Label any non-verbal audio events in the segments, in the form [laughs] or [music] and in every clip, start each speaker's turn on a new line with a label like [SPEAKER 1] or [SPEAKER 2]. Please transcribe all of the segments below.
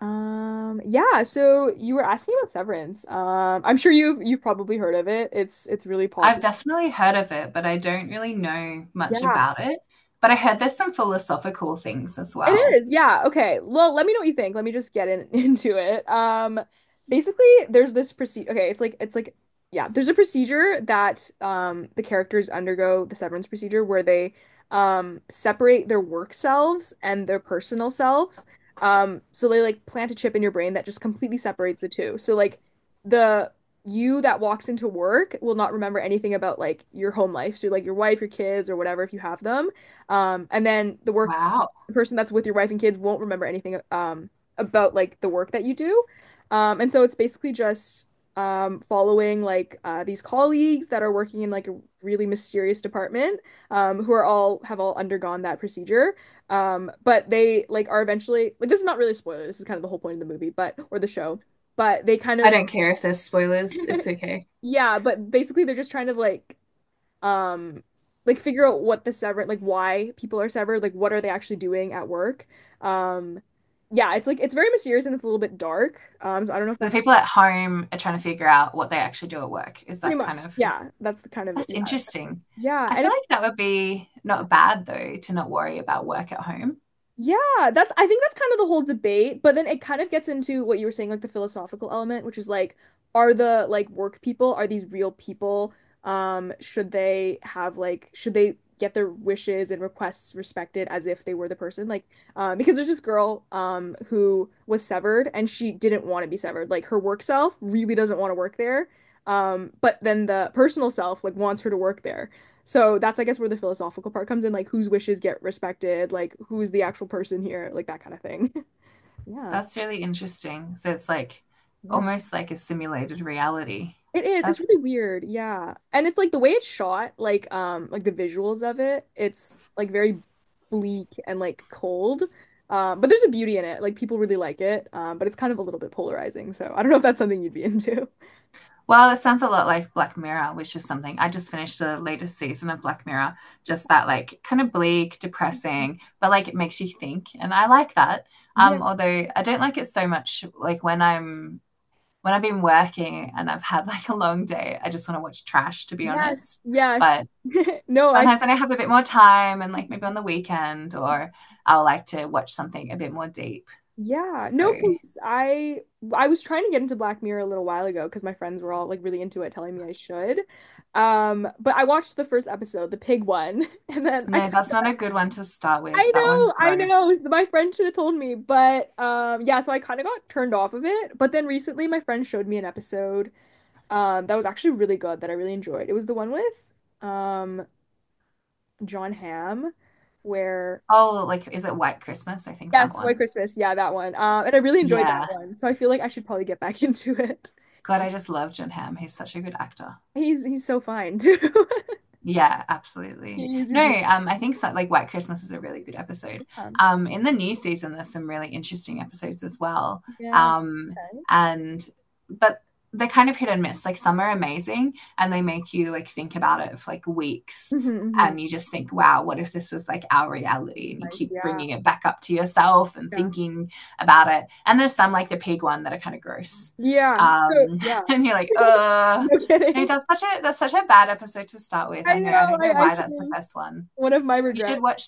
[SPEAKER 1] Yeah, so you were asking about Severance. I'm sure you've probably heard of it. It's really
[SPEAKER 2] I've
[SPEAKER 1] popular.
[SPEAKER 2] definitely heard of it, but I don't really know much
[SPEAKER 1] Yeah.
[SPEAKER 2] about it. But I heard there's some philosophical things as
[SPEAKER 1] It
[SPEAKER 2] well.
[SPEAKER 1] is, yeah. Okay. Well, let me know what you think. Let me just get in [laughs] into it. Basically, there's this procedure. Okay, it's like yeah, there's a procedure that the characters undergo the severance procedure where they separate their work selves and their personal selves. So they like plant a chip in your brain that just completely separates the two. So like the you that walks into work will not remember anything about like your home life. So like your wife, your kids, or whatever if you have them. And then
[SPEAKER 2] Wow.
[SPEAKER 1] the person that's with your wife and kids won't remember anything about like the work that you do. And so it's basically just following like these colleagues that are working in like a really mysterious department who are all have all undergone that procedure. But they like are eventually like this is not really a spoiler. This is kind of the whole point of the movie, but or the show. But they kind
[SPEAKER 2] I
[SPEAKER 1] of
[SPEAKER 2] don't care if there's spoilers. It's
[SPEAKER 1] [laughs]
[SPEAKER 2] okay.
[SPEAKER 1] yeah, but basically they're just trying to um like figure out what the sever like why people are severed, like what are they actually doing at work. Um yeah, it's like it's very mysterious and it's a little bit dark. So I don't know if
[SPEAKER 2] So the
[SPEAKER 1] that's kind of-
[SPEAKER 2] people at home are trying to figure out what they actually do at work. Is
[SPEAKER 1] pretty
[SPEAKER 2] that kind
[SPEAKER 1] much.
[SPEAKER 2] of
[SPEAKER 1] Yeah, that's the kind of
[SPEAKER 2] that's
[SPEAKER 1] yeah.
[SPEAKER 2] interesting.
[SPEAKER 1] Yeah,
[SPEAKER 2] I
[SPEAKER 1] and
[SPEAKER 2] feel
[SPEAKER 1] if
[SPEAKER 2] like that would be not bad though to not worry about work at home.
[SPEAKER 1] yeah, that's I think that's kind of the whole debate, but then it kind of gets into what you were saying, like the philosophical element, which is like, are the like work people, are these real people? Should they have like should they get their wishes and requests respected as if they were the person? Like, because there's this girl who was severed and she didn't want to be severed. Like her work self really doesn't want to work there. But then the personal self like wants her to work there. So that's, I guess, where the philosophical part comes in, like whose wishes get respected, like who's the actual person here, like that kind of thing. [laughs] Yeah,
[SPEAKER 2] That's really interesting. So it's like
[SPEAKER 1] yeah.
[SPEAKER 2] almost like a simulated reality.
[SPEAKER 1] It is. It's
[SPEAKER 2] That's
[SPEAKER 1] really weird. Yeah. And it's like the way it's shot, like the visuals of it, it's like very bleak and like cold. But there's a beauty in it. Like people really like it. But it's kind of a little bit polarizing. So I don't know if that's something you'd be into.
[SPEAKER 2] well, it sounds a lot like Black Mirror, which is something I just finished the latest season of Black Mirror. Just that, like, kind of bleak, depressing,
[SPEAKER 1] [laughs]
[SPEAKER 2] but like it makes you think, and I like that.
[SPEAKER 1] Yeah.
[SPEAKER 2] Although I don't like it so much, like when I've been working and I've had like a long day, I just want to watch trash, to be
[SPEAKER 1] Yes.
[SPEAKER 2] honest.
[SPEAKER 1] Yes.
[SPEAKER 2] But
[SPEAKER 1] [laughs] No, I
[SPEAKER 2] sometimes when I have a bit more time, and like maybe on the weekend, or I'll like to watch something a bit more deep.
[SPEAKER 1] yeah,
[SPEAKER 2] So
[SPEAKER 1] no, because I was trying to get into Black Mirror a little while ago because my friends were all like really into it, telling me I should. But I watched the first episode, the pig one, [laughs] and then I
[SPEAKER 2] no,
[SPEAKER 1] kind
[SPEAKER 2] that's not
[SPEAKER 1] of,
[SPEAKER 2] a good one to start with. That one's
[SPEAKER 1] I
[SPEAKER 2] gross.
[SPEAKER 1] know, my friend should have told me, but yeah, so I kind of got turned off of it. But then recently, my friend showed me an episode that was actually really good that I really enjoyed. It was the one with um John Hamm, where
[SPEAKER 2] Oh, like is it White Christmas? I think that
[SPEAKER 1] yes, White
[SPEAKER 2] one.
[SPEAKER 1] Christmas. Yeah, that one. And I really enjoyed that
[SPEAKER 2] Yeah.
[SPEAKER 1] one. So I feel like I should probably get back [laughs] into it.
[SPEAKER 2] God,
[SPEAKER 1] Yeah.
[SPEAKER 2] I just love John Hamm. He's such a good actor.
[SPEAKER 1] He's so fine too. [laughs]
[SPEAKER 2] Yeah, absolutely.
[SPEAKER 1] He's a
[SPEAKER 2] No,
[SPEAKER 1] beautiful
[SPEAKER 2] I think so, like White Christmas is a really good episode.
[SPEAKER 1] man.
[SPEAKER 2] In the new season, there's some really interesting episodes as well.
[SPEAKER 1] Yeah.
[SPEAKER 2] Um,
[SPEAKER 1] Okay.
[SPEAKER 2] and but they're kind of hit and miss. Like some are amazing, and they make you like think about it for like weeks,
[SPEAKER 1] Mm-hmm,
[SPEAKER 2] and
[SPEAKER 1] hmm
[SPEAKER 2] you just think, wow, what if this was like our reality? And you
[SPEAKER 1] like,
[SPEAKER 2] keep
[SPEAKER 1] yeah,
[SPEAKER 2] bringing it back up to yourself and
[SPEAKER 1] yeah.
[SPEAKER 2] thinking about it. And there's some like the pig one that are kind of gross.
[SPEAKER 1] Yeah. So
[SPEAKER 2] Um,
[SPEAKER 1] yeah.
[SPEAKER 2] [laughs] and you're like,
[SPEAKER 1] [laughs] No
[SPEAKER 2] no,
[SPEAKER 1] kidding.
[SPEAKER 2] that's such a bad episode to start with.
[SPEAKER 1] I
[SPEAKER 2] I know. I
[SPEAKER 1] know.
[SPEAKER 2] don't know
[SPEAKER 1] I
[SPEAKER 2] why
[SPEAKER 1] should
[SPEAKER 2] that's the
[SPEAKER 1] have
[SPEAKER 2] first one.
[SPEAKER 1] one of my
[SPEAKER 2] You should
[SPEAKER 1] regrets.
[SPEAKER 2] watch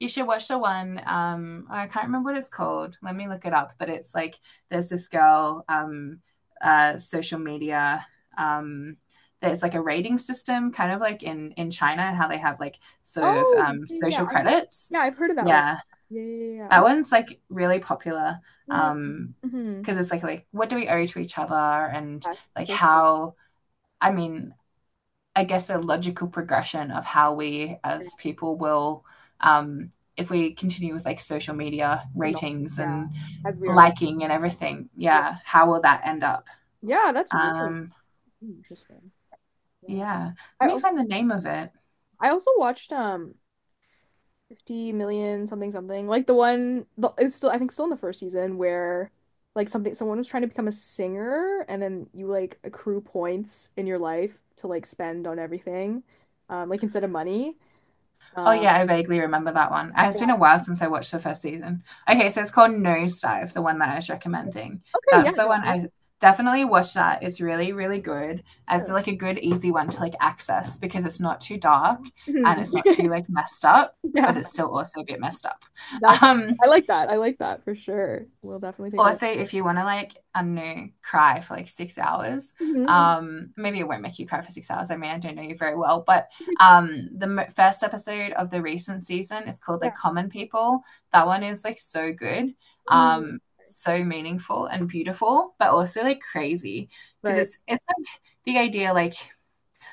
[SPEAKER 2] you should watch the one I can't remember what it's called. Let me look it up, but it's like there's this girl social media um there's like a rating system kind of like in China how they have like sort of
[SPEAKER 1] Oh, yeah, yeah.
[SPEAKER 2] social
[SPEAKER 1] I think I've, yeah,
[SPEAKER 2] credits.
[SPEAKER 1] I've heard of that one.
[SPEAKER 2] Yeah.
[SPEAKER 1] Yeah, yeah, yeah, yeah.
[SPEAKER 2] That
[SPEAKER 1] Oh.
[SPEAKER 2] one's like really popular
[SPEAKER 1] Mm,
[SPEAKER 2] um
[SPEAKER 1] mm-hmm.
[SPEAKER 2] because it's like what do we owe to each other and
[SPEAKER 1] Yes,
[SPEAKER 2] like
[SPEAKER 1] for sure.
[SPEAKER 2] how I mean I guess, a logical progression of how we
[SPEAKER 1] Yeah.
[SPEAKER 2] as people will, um, if we continue with like social media
[SPEAKER 1] Acknowledge it.
[SPEAKER 2] ratings
[SPEAKER 1] Yeah.
[SPEAKER 2] and
[SPEAKER 1] As we are the
[SPEAKER 2] liking and everything,
[SPEAKER 1] yeah.
[SPEAKER 2] yeah, how will that end up?
[SPEAKER 1] Yeah, that's really
[SPEAKER 2] Um,
[SPEAKER 1] interesting. Yeah.
[SPEAKER 2] yeah,
[SPEAKER 1] I
[SPEAKER 2] let me
[SPEAKER 1] also
[SPEAKER 2] find the name of it.
[SPEAKER 1] I also watched 50 million something like it was still I think still in the first season where like something someone was trying to become a singer and then you like accrue points in your life to like spend on everything like instead of money
[SPEAKER 2] Oh
[SPEAKER 1] um
[SPEAKER 2] yeah, I vaguely remember that one. It's
[SPEAKER 1] yeah.
[SPEAKER 2] been a while since I watched the first season. Okay, so it's called Nosedive, the one that I was recommending.
[SPEAKER 1] Okay, yeah,
[SPEAKER 2] That's the
[SPEAKER 1] no,
[SPEAKER 2] one
[SPEAKER 1] I'll-
[SPEAKER 2] I definitely watch that. It's really, really good. It's
[SPEAKER 1] sure.
[SPEAKER 2] like a good, easy one to like access because it's not too dark and
[SPEAKER 1] Mhm.
[SPEAKER 2] it's not too
[SPEAKER 1] [laughs]
[SPEAKER 2] like messed up, but
[SPEAKER 1] Yeah,
[SPEAKER 2] it's still also a bit messed up.
[SPEAKER 1] that's
[SPEAKER 2] Um,
[SPEAKER 1] I like that for sure, we'll definitely take a look.
[SPEAKER 2] Also, if you want to like, I don't know, cry for like 6 hours,
[SPEAKER 1] Mhm.
[SPEAKER 2] maybe it won't make you cry for 6 hours. I mean, I don't know you very well, but
[SPEAKER 1] [laughs]
[SPEAKER 2] the first episode of the recent season is called like
[SPEAKER 1] Yeah.
[SPEAKER 2] Common People. That one is like so good,
[SPEAKER 1] Ooh,
[SPEAKER 2] um, so meaningful and beautiful, but also like crazy because
[SPEAKER 1] right.
[SPEAKER 2] it's like the idea like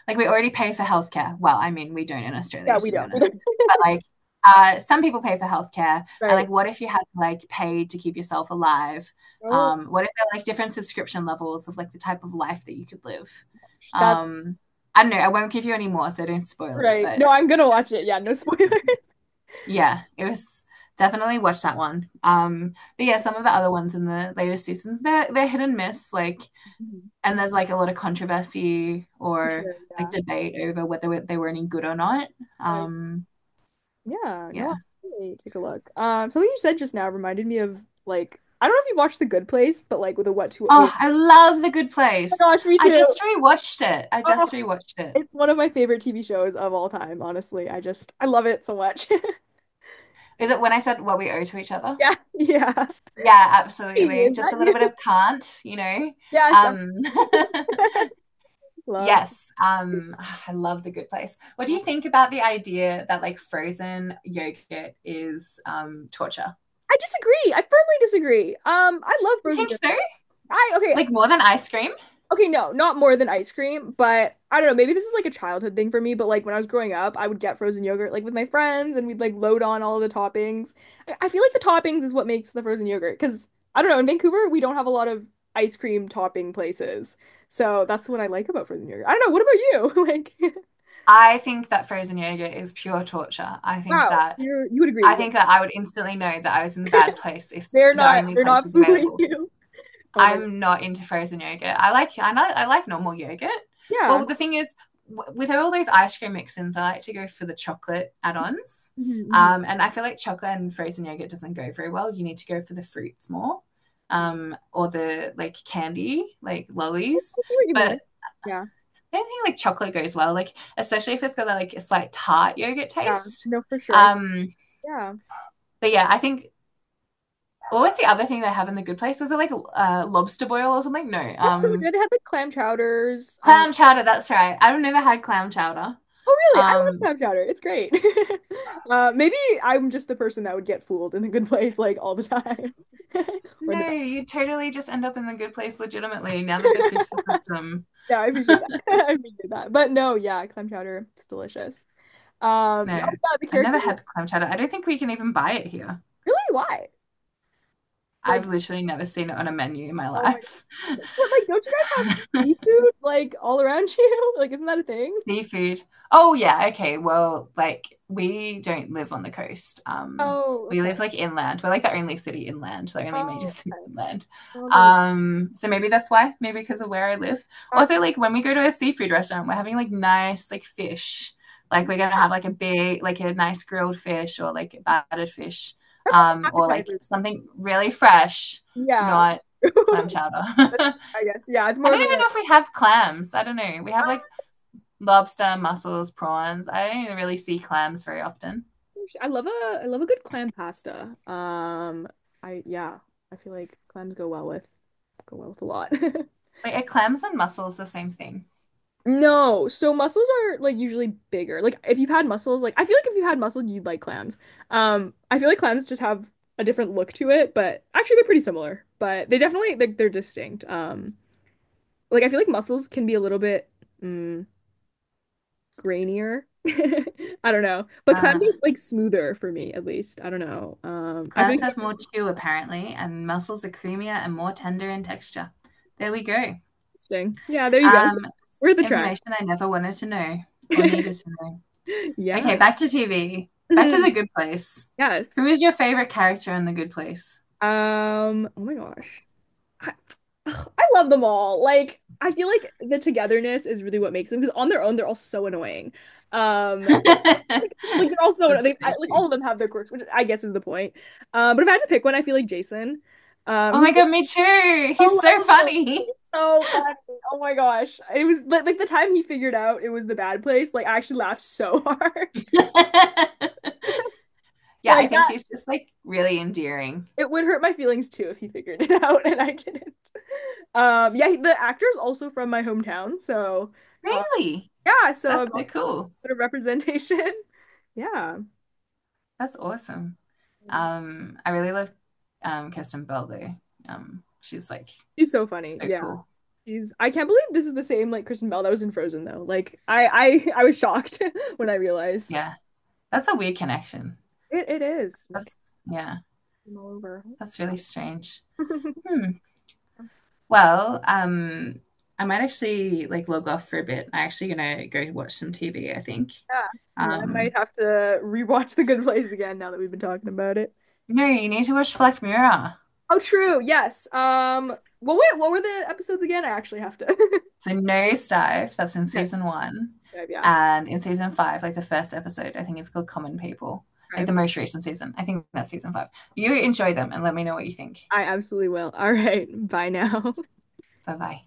[SPEAKER 2] we already pay for healthcare. Well, I mean, we don't in
[SPEAKER 1] Yeah,
[SPEAKER 2] Australia,
[SPEAKER 1] we
[SPEAKER 2] to be
[SPEAKER 1] don't
[SPEAKER 2] honest.
[SPEAKER 1] [laughs]
[SPEAKER 2] But like some people pay for healthcare. And
[SPEAKER 1] right,
[SPEAKER 2] like, what if you had to like pay to keep yourself alive?
[SPEAKER 1] oh,
[SPEAKER 2] What if there were like different subscription levels of like the type of life that you could live?
[SPEAKER 1] that's
[SPEAKER 2] Um, I don't know. I won't give you any more, so don't spoil it.
[SPEAKER 1] right. No,
[SPEAKER 2] But
[SPEAKER 1] I'm gonna watch it. Yeah, no spoilers. [laughs]
[SPEAKER 2] yeah, it was definitely watch that one. But yeah, some of the other ones in the latest seasons, they're hit and miss. Like
[SPEAKER 1] Mhm.
[SPEAKER 2] and there's like a lot of controversy
[SPEAKER 1] For
[SPEAKER 2] or
[SPEAKER 1] sure,
[SPEAKER 2] like
[SPEAKER 1] yeah.
[SPEAKER 2] debate over whether they were any good or not.
[SPEAKER 1] Uh,
[SPEAKER 2] Um,
[SPEAKER 1] yeah, no,
[SPEAKER 2] yeah.
[SPEAKER 1] I'll definitely take a look. Something you said just now reminded me of like I don't know if you watched The Good Place, but like with a what to what we. Oh
[SPEAKER 2] Oh, I love The Good
[SPEAKER 1] my
[SPEAKER 2] Place.
[SPEAKER 1] gosh, me
[SPEAKER 2] I
[SPEAKER 1] too.
[SPEAKER 2] just rewatched it. I
[SPEAKER 1] Oh,
[SPEAKER 2] just rewatched it.
[SPEAKER 1] it's one of my favorite TV shows of all time, honestly. I love it so much. [laughs]
[SPEAKER 2] Is
[SPEAKER 1] Yeah.
[SPEAKER 2] it when I said what we owe to each other?
[SPEAKER 1] Yeah, yeah.
[SPEAKER 2] Yeah,
[SPEAKER 1] Hey,
[SPEAKER 2] absolutely.
[SPEAKER 1] is
[SPEAKER 2] Just
[SPEAKER 1] that
[SPEAKER 2] a little
[SPEAKER 1] you?
[SPEAKER 2] bit of
[SPEAKER 1] [laughs]
[SPEAKER 2] can't, you know.
[SPEAKER 1] Yes, I
[SPEAKER 2] Um,
[SPEAKER 1] [laughs]
[SPEAKER 2] [laughs]
[SPEAKER 1] love.
[SPEAKER 2] yes, I love The Good Place. What do
[SPEAKER 1] I
[SPEAKER 2] you think about the idea that like frozen yogurt is torture?
[SPEAKER 1] disagree. I firmly disagree. I love
[SPEAKER 2] You
[SPEAKER 1] frozen
[SPEAKER 2] think so?
[SPEAKER 1] yogurt. I okay.
[SPEAKER 2] Like more than ice cream?
[SPEAKER 1] Okay, no, not more than ice cream, but I don't know, maybe this is like a childhood thing for me, but like when I was growing up, I would get frozen yogurt like with my friends and we'd like load on all of the toppings. I feel like the toppings is what makes the frozen yogurt because I don't know, in Vancouver, we don't have a lot of ice cream topping places. So that's what I like about frozen yogurt. I don't know, what about you? [laughs] Like,
[SPEAKER 2] I think that frozen yogurt is pure torture. I think
[SPEAKER 1] wow, so
[SPEAKER 2] that
[SPEAKER 1] you're, you would
[SPEAKER 2] I
[SPEAKER 1] agree. Yeah.
[SPEAKER 2] think that I would instantly know that I was in the bad place if the only
[SPEAKER 1] They're
[SPEAKER 2] place
[SPEAKER 1] not [laughs]
[SPEAKER 2] is
[SPEAKER 1] fooling
[SPEAKER 2] available.
[SPEAKER 1] you. Oh my God.
[SPEAKER 2] I'm not into frozen yogurt. I like normal yogurt.
[SPEAKER 1] Yeah.
[SPEAKER 2] Well, the thing is, with all those ice cream mix-ins, I like to go for the chocolate add-ons.
[SPEAKER 1] Hmm.
[SPEAKER 2] And I feel like chocolate and frozen yogurt doesn't go very well. You need to go for the fruits more, or the like candy, like
[SPEAKER 1] I
[SPEAKER 2] lollies.
[SPEAKER 1] see what you mean.
[SPEAKER 2] But
[SPEAKER 1] I- yeah.
[SPEAKER 2] I don't think like chocolate goes well, like especially if it's got that like a slight tart yogurt
[SPEAKER 1] Yeah.
[SPEAKER 2] taste.
[SPEAKER 1] No, for sure. I s-
[SPEAKER 2] Um,
[SPEAKER 1] yeah.
[SPEAKER 2] but yeah, I think what was the other thing they have in the good place? Was it like lobster boil or something? No,
[SPEAKER 1] That's so much good. They had like clam chowders.
[SPEAKER 2] clam chowder. That's right. I've never had clam chowder.
[SPEAKER 1] Oh, really? I love
[SPEAKER 2] Um,
[SPEAKER 1] clam chowder. It's great. [laughs] Maybe I'm just the person that would get fooled in the good place like all the time [laughs] or in the
[SPEAKER 2] no,
[SPEAKER 1] back.
[SPEAKER 2] you totally just end up in the good place legitimately now that they fixed the
[SPEAKER 1] [laughs]
[SPEAKER 2] system.
[SPEAKER 1] No, I appreciate that. [laughs] I appreciate that. But no, yeah, clam chowder. It's delicious. Oh
[SPEAKER 2] No,
[SPEAKER 1] yeah, the
[SPEAKER 2] I
[SPEAKER 1] character.
[SPEAKER 2] never had clam chowder. I don't think we can even buy it here.
[SPEAKER 1] Really? Why? Like,
[SPEAKER 2] I've literally never seen it on a menu in my
[SPEAKER 1] oh my
[SPEAKER 2] life.
[SPEAKER 1] God. But like, don't you guys have seafood like all around you? [laughs] Like, isn't that a thing?
[SPEAKER 2] Seafood. Oh yeah, okay. Well, like we don't live on the coast.
[SPEAKER 1] Oh,
[SPEAKER 2] We
[SPEAKER 1] okay.
[SPEAKER 2] live like inland. We're like the only city inland, the only major [laughs]
[SPEAKER 1] Oh,
[SPEAKER 2] city
[SPEAKER 1] okay.
[SPEAKER 2] inland.
[SPEAKER 1] Oh, there we go.
[SPEAKER 2] So maybe that's why, maybe because of where I live.
[SPEAKER 1] That-
[SPEAKER 2] Also, like when we go to a seafood restaurant, we're having like nice like fish. Like we're gonna have like a big, like a nice grilled fish or like battered fish,
[SPEAKER 1] that's like an
[SPEAKER 2] or like
[SPEAKER 1] appetizer.
[SPEAKER 2] something really fresh,
[SPEAKER 1] Yeah.
[SPEAKER 2] not
[SPEAKER 1] [laughs]
[SPEAKER 2] clam chowder.
[SPEAKER 1] That's,
[SPEAKER 2] [laughs]
[SPEAKER 1] I guess. Yeah, it's
[SPEAKER 2] I
[SPEAKER 1] more
[SPEAKER 2] don't
[SPEAKER 1] of a
[SPEAKER 2] even know if we have clams. I don't know. We have like lobster, mussels, prawns. I don't really see clams very often.
[SPEAKER 1] gosh, I love a good clam pasta. I yeah, I feel like clams go well with a lot. [laughs]
[SPEAKER 2] Wait, are clams and mussels the same thing?
[SPEAKER 1] No, so mussels are like usually bigger. Like if you've had mussels, like I feel like if you had mussels, you'd like clams. I feel like clams just have a different look to it, but actually they're pretty similar. But they definitely like they're distinct. Like I feel like mussels can be a little bit. Mm, grainier. [laughs] I don't know. But clouds
[SPEAKER 2] Uh,
[SPEAKER 1] are like smoother for me, at least. I don't know. I
[SPEAKER 2] clams
[SPEAKER 1] think
[SPEAKER 2] have
[SPEAKER 1] they're
[SPEAKER 2] more chew apparently, and mussels are creamier and more tender in texture. There we go.
[SPEAKER 1] interesting. Yeah, there you go.
[SPEAKER 2] Um,
[SPEAKER 1] We're at the track.
[SPEAKER 2] information I never wanted to know or needed to
[SPEAKER 1] [laughs]
[SPEAKER 2] know. Okay,
[SPEAKER 1] Yeah.
[SPEAKER 2] back to TV. Back to The
[SPEAKER 1] Mhm.
[SPEAKER 2] Good Place. Who
[SPEAKER 1] Yes.
[SPEAKER 2] is your favorite character in The Good Place?
[SPEAKER 1] Oh my gosh. I, ugh, I love them all. Like, I feel like the togetherness is really what makes them because on their own they're all so annoying.
[SPEAKER 2] [laughs]
[SPEAKER 1] Um,
[SPEAKER 2] That's
[SPEAKER 1] like they're all
[SPEAKER 2] so
[SPEAKER 1] so they like all
[SPEAKER 2] true.
[SPEAKER 1] of them have their quirks, which I guess is the point. But if I had to pick one, I feel like Jason.
[SPEAKER 2] Oh my
[SPEAKER 1] He's
[SPEAKER 2] god, me too.
[SPEAKER 1] so
[SPEAKER 2] He's so
[SPEAKER 1] lovable.
[SPEAKER 2] funny.
[SPEAKER 1] It's so funny. Oh my gosh. It was like the time he figured out it was the bad place, like I actually laughed so hard. [laughs]
[SPEAKER 2] [laughs] Yeah, I
[SPEAKER 1] Like
[SPEAKER 2] think
[SPEAKER 1] that
[SPEAKER 2] he's just like really endearing.
[SPEAKER 1] it would hurt my feelings too if he figured it [laughs] out and I didn't. Yeah, the actor's also from my hometown, so uh
[SPEAKER 2] Really?
[SPEAKER 1] yeah, so
[SPEAKER 2] That's
[SPEAKER 1] I'm
[SPEAKER 2] so
[SPEAKER 1] also
[SPEAKER 2] cool.
[SPEAKER 1] a bit of representation. [laughs] Yeah.
[SPEAKER 2] That's awesome. I really love Kirsten Bell though. She's like
[SPEAKER 1] She's so funny.
[SPEAKER 2] so
[SPEAKER 1] Yeah.
[SPEAKER 2] cool.
[SPEAKER 1] She's I can't believe this is the same like Kristen Bell that was in Frozen though. Like I was shocked [laughs] when I realized
[SPEAKER 2] Yeah, that's a weird connection.
[SPEAKER 1] it it is. No
[SPEAKER 2] That's yeah,
[SPEAKER 1] kidding all over.
[SPEAKER 2] that's really strange.
[SPEAKER 1] [laughs]
[SPEAKER 2] Hmm. Well, I might actually like log off for a bit. I'm actually gonna go watch some TV, I think.
[SPEAKER 1] Yeah, and I
[SPEAKER 2] Um,
[SPEAKER 1] might have to rewatch The Good Place again now that we've been talking about it.
[SPEAKER 2] no, you need to watch Black Mirror.
[SPEAKER 1] Oh, true. Yes. Well, wait. What were the episodes again? I actually have to. [laughs]
[SPEAKER 2] So Nosedive, that's in
[SPEAKER 1] Okay.
[SPEAKER 2] season one.
[SPEAKER 1] Yeah.
[SPEAKER 2] And in season five, like the first episode, I think it's called Common People. Like
[SPEAKER 1] Okay.
[SPEAKER 2] the most recent season. I think that's season five. You enjoy them and let me know what you think.
[SPEAKER 1] I absolutely will. All right. Bye now. [laughs]
[SPEAKER 2] Bye bye.